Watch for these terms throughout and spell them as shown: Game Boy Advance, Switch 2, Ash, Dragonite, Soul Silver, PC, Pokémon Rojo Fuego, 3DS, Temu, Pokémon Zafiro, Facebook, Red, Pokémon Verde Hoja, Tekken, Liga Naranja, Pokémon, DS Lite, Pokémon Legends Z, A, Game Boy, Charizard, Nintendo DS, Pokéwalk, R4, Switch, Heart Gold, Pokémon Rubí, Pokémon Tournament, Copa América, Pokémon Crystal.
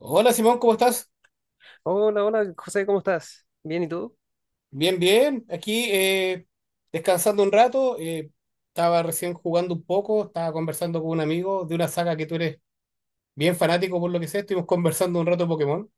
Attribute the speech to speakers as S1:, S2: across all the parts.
S1: Hola Simón, ¿cómo estás?
S2: Hola, hola, José, ¿cómo estás? Bien, ¿y tú?
S1: Bien, bien. Aquí descansando un rato. Estaba recién jugando un poco, estaba conversando con un amigo de una saga que tú eres bien fanático por lo que sé. Estuvimos conversando un rato de Pokémon.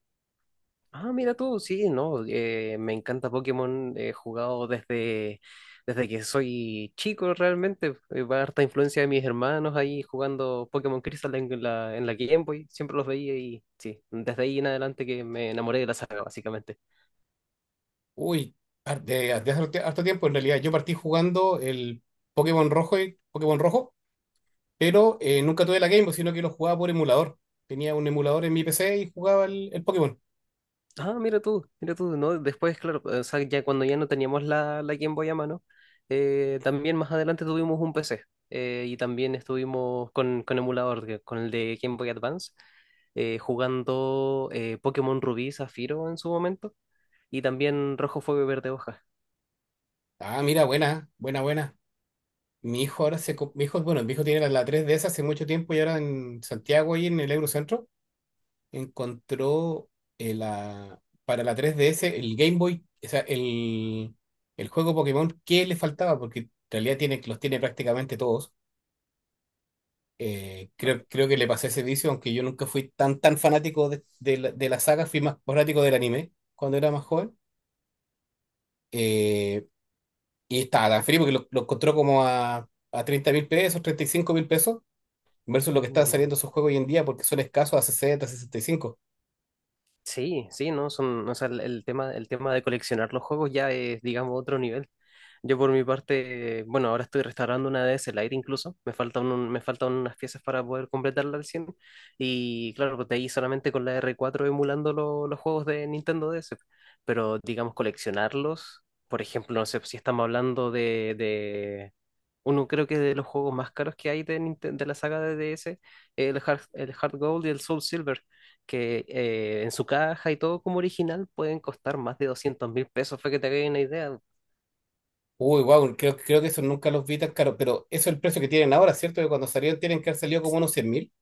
S2: Ah, mira tú, sí, no, me encanta Pokémon, he jugado desde que soy chico realmente, va harta influencia de mis hermanos ahí jugando Pokémon Crystal en en la Game Boy, siempre los veía y sí, desde ahí en adelante que me enamoré de la saga, básicamente.
S1: Uy, de hace harto tiempo en realidad. Yo partí jugando el Pokémon Rojo y Pokémon Rojo, pero nunca tuve la Game Boy, sino que lo jugaba por emulador. Tenía un emulador en mi PC y jugaba el Pokémon.
S2: Ah, mira tú, ¿no? Después, claro, o sea, ya cuando ya no teníamos la Game Boy a mano, también más adelante tuvimos un PC y también estuvimos con emulador, con el de Game Boy Advance, jugando Pokémon Rubí, Zafiro en su momento y también Rojo Fuego y Verde Hoja.
S1: Ah, mira, buena, buena, buena. Mi hijo ahora
S2: Sí.
S1: se... co- Mi hijo, bueno, mi hijo tiene la 3DS hace mucho tiempo y ahora en Santiago y en el Eurocentro encontró la, para la 3DS el Game Boy, o sea, el juego Pokémon que le faltaba, porque en realidad tiene, los tiene prácticamente todos. Creo que le pasé ese vicio, aunque yo nunca fui tan fanático de la saga, fui más fanático del anime cuando era más joven. Eh, y estaba tan frío porque lo encontró como a 30.000 pesos, 35.000 pesos versus lo que están
S2: Mm.
S1: saliendo esos juegos hoy en día porque son escasos a sesenta, sesenta y cinco.
S2: Sí, sí, no, son, o sea, el tema de coleccionar los juegos ya es, digamos, otro nivel. Yo por mi parte, bueno, ahora estoy restaurando una DS Lite incluso, me faltan unas piezas para poder completarla al 100, y claro, pues de ahí solamente con la R4 emulando los juegos de Nintendo DS, pero digamos coleccionarlos, por ejemplo, no sé si estamos hablando de, uno creo que de los juegos más caros que hay de, de la saga de DS, el Heart Gold y el Soul Silver, que en su caja y todo como original pueden costar más de 200.000 pesos, fue que te hagáis una idea.
S1: Uy, wow, creo que eso nunca los vi tan caros, pero eso es el precio que tienen ahora, ¿cierto? Que cuando salieron tienen que haber salido como unos 100.000.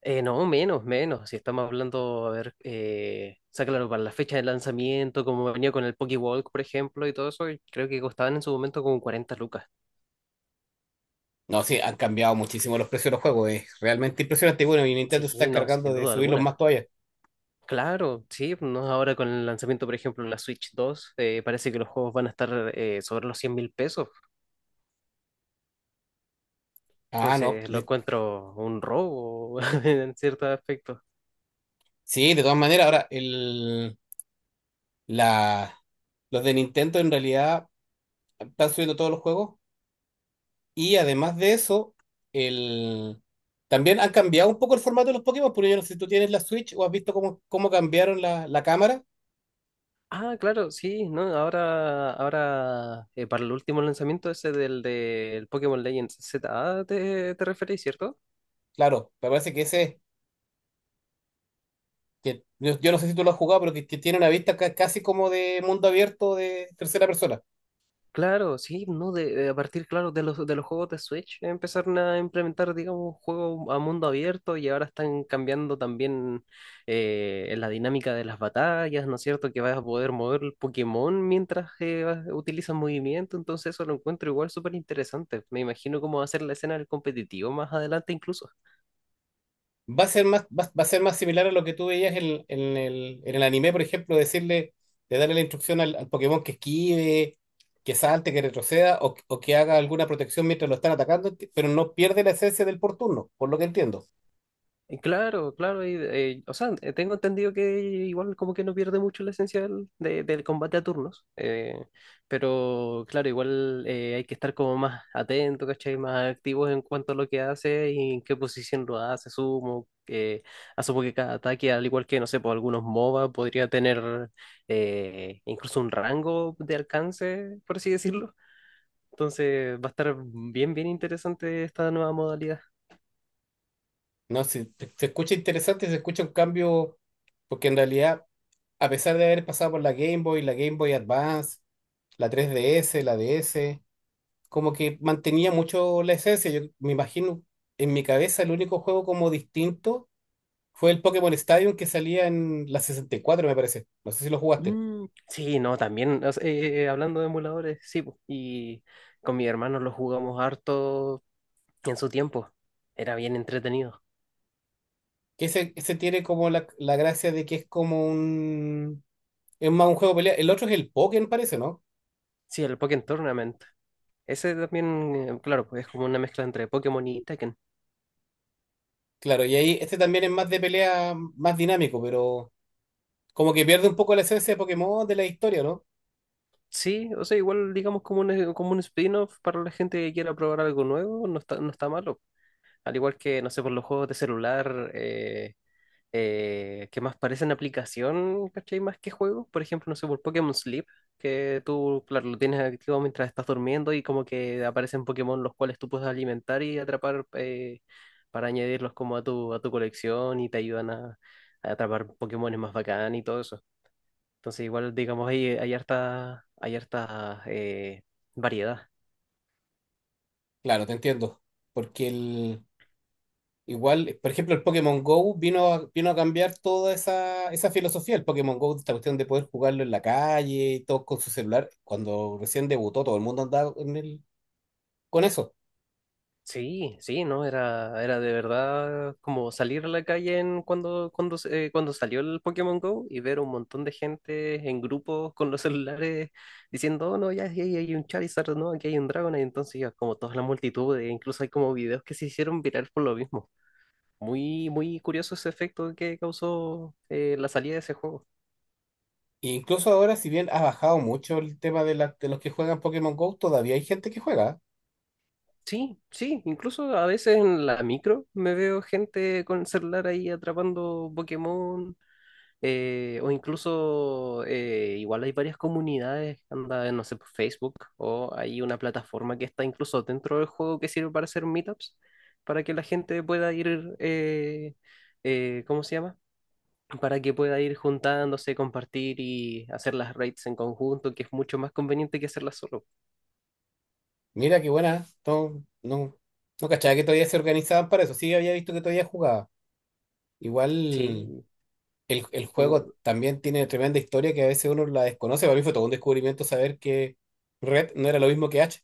S2: No, menos, menos. Si estamos hablando, a ver, o sea, claro, para la fecha de lanzamiento, como venía con el Pokéwalk, por ejemplo, y todo eso, creo que costaban en su momento como 40 lucas.
S1: No, sí, han cambiado muchísimo los precios de los juegos, es realmente impresionante. Y bueno, y Nintendo se está
S2: Sí, no, sin
S1: encargando de
S2: duda
S1: subirlos más
S2: alguna.
S1: todavía.
S2: Claro, sí, no, ahora con el lanzamiento, por ejemplo, de la Switch 2, parece que los juegos van a estar sobre los 100.000 pesos,
S1: Ah, no,
S2: entonces lo
S1: de-
S2: encuentro un robo en cierto aspecto.
S1: Sí, de todas maneras, ahora la, los de Nintendo en realidad están subiendo todos los juegos. Y además de eso, el... también han cambiado un poco el formato de los Pokémon, porque yo no sé si tú tienes la Switch o has visto cómo, cómo cambiaron la cámara.
S2: Ah, claro, sí, no, ahora para el último lanzamiento ese del Pokémon Legends Z, A, ¿te, te referís, cierto?
S1: Claro, me parece que ese, que yo no sé si tú lo has jugado, pero que tiene una vista casi como de mundo abierto de tercera persona.
S2: Claro, sí, ¿no? De, a partir, claro, de de los juegos de Switch, empezaron a implementar, digamos, juegos a mundo abierto y ahora están cambiando también la dinámica de las batallas, ¿no es cierto? Que vas a poder mover el Pokémon mientras utilizas movimiento, entonces eso lo encuentro igual súper interesante. Me imagino cómo va a ser la escena del competitivo más adelante incluso.
S1: Va a ser más, va a ser más similar a lo que tú veías en el anime, por ejemplo, decirle, de darle la instrucción al Pokémon que esquive, que salte, que retroceda o que haga alguna protección mientras lo están atacando, pero no pierde la esencia del por turno, por lo que entiendo.
S2: Claro, claro, y, o sea, tengo entendido que igual como que no pierde mucho la esencia del combate a turnos, pero claro, igual hay que estar como más atento, ¿cachai? Más activos en cuanto a lo que hace y en qué posición lo hace, sumo, que asumo que cada ataque, al igual que, no sé, por algunos MOBA, podría tener incluso un rango de alcance, por así decirlo. Entonces va a estar bien, bien interesante esta nueva modalidad.
S1: No, sí, se escucha interesante, se escucha un cambio, porque en realidad, a pesar de haber pasado por la Game Boy Advance, la tres D S la D S como que mantenía mucho la esencia. Yo me imagino, en mi cabeza, el único juego como distinto fue el Pokémon Stadium que salía en la 64 me parece. No sé si lo jugaste.
S2: Mm, sí, no, también, o sea, hablando de emuladores, sí, po, y con mi hermano lo jugamos harto en su tiempo, era bien entretenido.
S1: Que ese tiene como la gracia de que es como un... Es más un juego de pelea. El otro es el Pokémon, parece, ¿no?
S2: Sí, el Pokémon Tournament, ese también, claro, pues es como una mezcla entre Pokémon y Tekken.
S1: Claro, y ahí este también es más de pelea, más dinámico, pero... Como que pierde un poco la esencia de Pokémon de la historia, ¿no?
S2: Sí, o sea, igual digamos como como un spin-off para la gente que quiera probar algo nuevo, no está malo. Al igual que, no sé, por los juegos de celular, que más parecen aplicación, ¿cachai? Más que juego. Por ejemplo, no sé, por Pokémon Sleep, que tú, claro, lo tienes activo mientras estás durmiendo y como que aparecen Pokémon los cuales tú puedes alimentar y atrapar para añadirlos como a a tu colección y te ayudan a atrapar Pokémones más bacán y todo eso. Entonces, igual, digamos, hay harta variedad.
S1: Claro, te entiendo. Porque el, igual, por ejemplo, el Pokémon Go vino vino a cambiar toda esa, esa filosofía. El Pokémon Go, esta cuestión de poder jugarlo en la calle y todo con su celular. Cuando recién debutó, todo el mundo andaba con eso.
S2: Sí, sí, no, era de verdad como salir a la calle en cuando salió el Pokémon Go y ver un montón de gente en grupos con los celulares diciendo, "Oh, no, ya aquí hay un Charizard, no, aquí hay un Dragonite", y entonces ya como toda la multitud, e incluso hay como videos que se hicieron viral por lo mismo. Muy, muy curioso ese efecto que causó la salida de ese juego.
S1: E incluso ahora, si bien ha bajado mucho el tema de los que juegan Pokémon Go, todavía hay gente que juega.
S2: Sí, sí, incluso a veces en la micro me veo gente con el celular ahí atrapando Pokémon igual hay varias comunidades, anda, no sé, por Facebook, o hay una plataforma que está incluso dentro del juego que sirve para hacer meetups, para que la gente pueda ir, ¿cómo se llama? Para que pueda ir juntándose, compartir y hacer las raids en conjunto, que es mucho más conveniente que hacerlas solo.
S1: Mira qué buena. No, no, no cachaba que todavía se organizaban para eso. Sí, había visto que todavía jugaba. Igual,
S2: Sí,
S1: el
S2: y,
S1: juego también tiene tremenda historia que a veces uno la desconoce. Para mí fue todo un descubrimiento saber que Red no era lo mismo que H.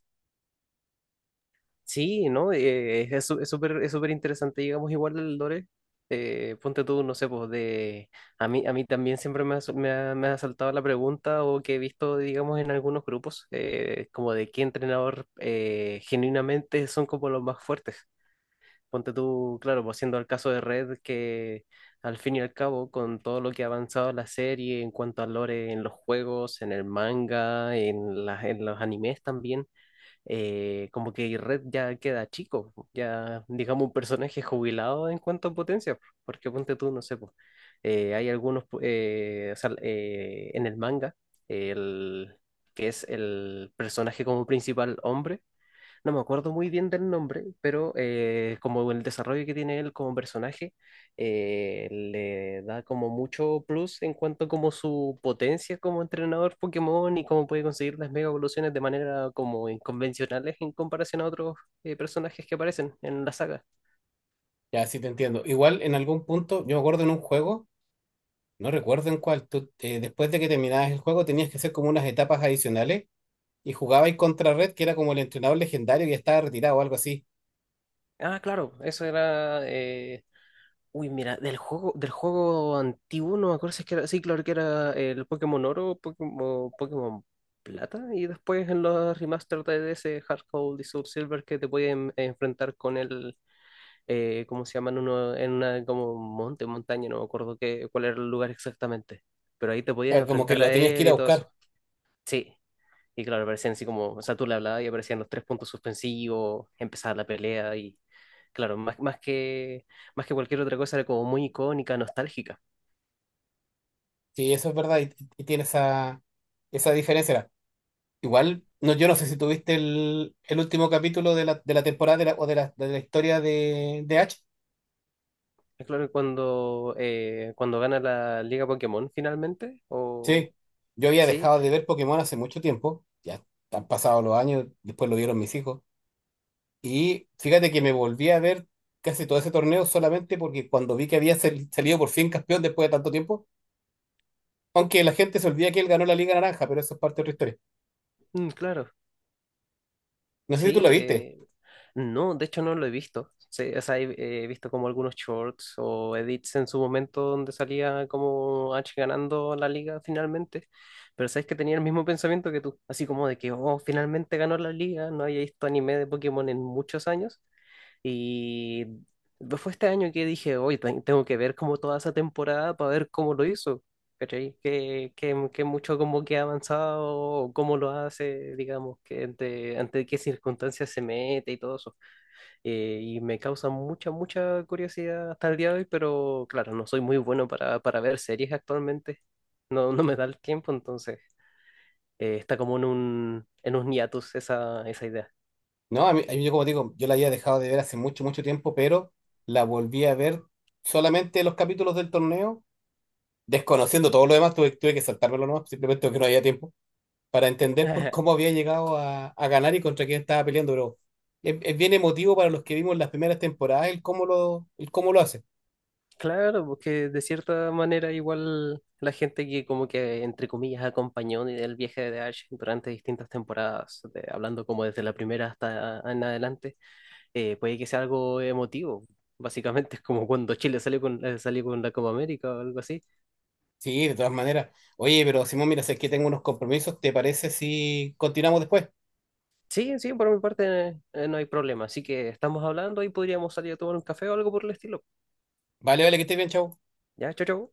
S2: Sí, ¿no? Es súper, es súper interesante, digamos, igual el lore. Ponte tú, no sé, pues de... A mí, también siempre me ha, su- me ha saltado la pregunta o que he visto, digamos, en algunos grupos, como de qué entrenador genuinamente son como los más fuertes. Ponte tú, claro, pues siendo el caso de Red, que al fin y al cabo, con todo lo que ha avanzado la serie en cuanto al lore en los juegos, en el manga, en en los animes también como que Red ya queda chico, po, ya digamos un personaje jubilado en cuanto a potencia, po, porque ponte tú, no sé, po, hay algunos, pu- o sea, en el manga, el, que es el personaje como principal hombre, no me acuerdo muy bien del nombre, pero como el desarrollo que tiene él como personaje le da como mucho plus en cuanto como su potencia como entrenador Pokémon y cómo puede conseguir las mega evoluciones de manera como inconvencionales en comparación a otros personajes que aparecen en la saga.
S1: Ya, sí te entiendo. Igual en algún punto, yo me acuerdo en un juego, no recuerdo en cuál, tú, después de que terminabas el juego tenías que hacer como unas etapas adicionales y jugabas contra Red, que era como el entrenador legendario que ya estaba retirado o algo así.
S2: Ah, claro, eso era uy, mira, del juego antiguo, no me acuerdo si es que era, sí, claro que era el Pokémon Oro, Pokémon Plata, y después en los remaster de ese Hard Gold y Soul Silver que te pueden enfrentar con el, ¿cómo se llaman? Uno, en una como montaña, no me acuerdo qué, cuál era el lugar exactamente, pero ahí te podías
S1: Claro, como que
S2: enfrentar
S1: lo
S2: a
S1: tenías que
S2: él
S1: ir a
S2: y todo
S1: buscar.
S2: eso. Sí, y claro, aparecían así como, o sea, tú le hablabas y aparecían los tres puntos suspensivos, empezaba la pelea y, claro, más que cualquier otra cosa era como muy icónica, nostálgica.
S1: Sí, eso es verdad y tiene esa diferencia. Igual, no, yo no sé si tuviste el último capítulo de la temporada de la historia de Ash.
S2: Es claro cuando, cuando gana la Liga Pokémon finalmente, o...
S1: Sí, yo había
S2: Sí,
S1: dejado de ver Pokémon hace mucho tiempo, ya han pasado los años, después lo vieron mis hijos. Y fíjate que me volví a ver casi todo ese torneo solamente porque cuando vi que había salido por fin campeón después de tanto tiempo, aunque la gente se olvida que él ganó la Liga Naranja, pero eso es parte de otra historia.
S2: mm, claro,
S1: No sé si tú la
S2: sí,
S1: viste.
S2: no, de hecho no lo he visto. Sí, o sea, he visto como algunos shorts o edits en su momento donde salía como H ganando la liga finalmente. Pero sabes que tenía el mismo pensamiento que tú, así como de que, oh, finalmente ganó la liga, no había visto anime de Pokémon en muchos años. Y no fue este año que dije, hoy tengo que ver como toda esa temporada para ver cómo lo hizo. ¿Cachai? Que mucho como que ha avanzado, o cómo lo hace, digamos, ante qué circunstancias se mete y todo eso y me causa mucha, mucha curiosidad hasta el día de hoy, pero claro, no soy muy bueno para ver series actualmente, no, no me da el tiempo, entonces está como en un hiatus esa, esa idea.
S1: No, a mí, yo como digo, yo la había dejado de ver hace mucho, mucho tiempo, pero la volví a ver solamente los capítulos del torneo, desconociendo todo lo demás, tuve que saltármelo nomás, simplemente porque no había tiempo, para entender por cómo había llegado a ganar y contra quién estaba peleando, pero es bien emotivo para los que vimos las primeras temporadas el cómo el cómo lo hace.
S2: Claro, porque de cierta manera igual la gente que como que entre comillas acompañó el viaje de Ash durante distintas temporadas, hablando como desde la primera hasta en adelante, puede que sea algo emotivo. Básicamente es como cuando Chile salió con la Copa América o algo así.
S1: Sí, de todas maneras. Oye, pero Simón, mira, sé que tengo unos compromisos, ¿te parece si continuamos después?
S2: Sí, sí, por mi parte no hay problema. Así que estamos hablando y podríamos salir a tomar un café o algo por el estilo.
S1: Vale, vale, que estés bien, chao.
S2: Ya, chao, chao.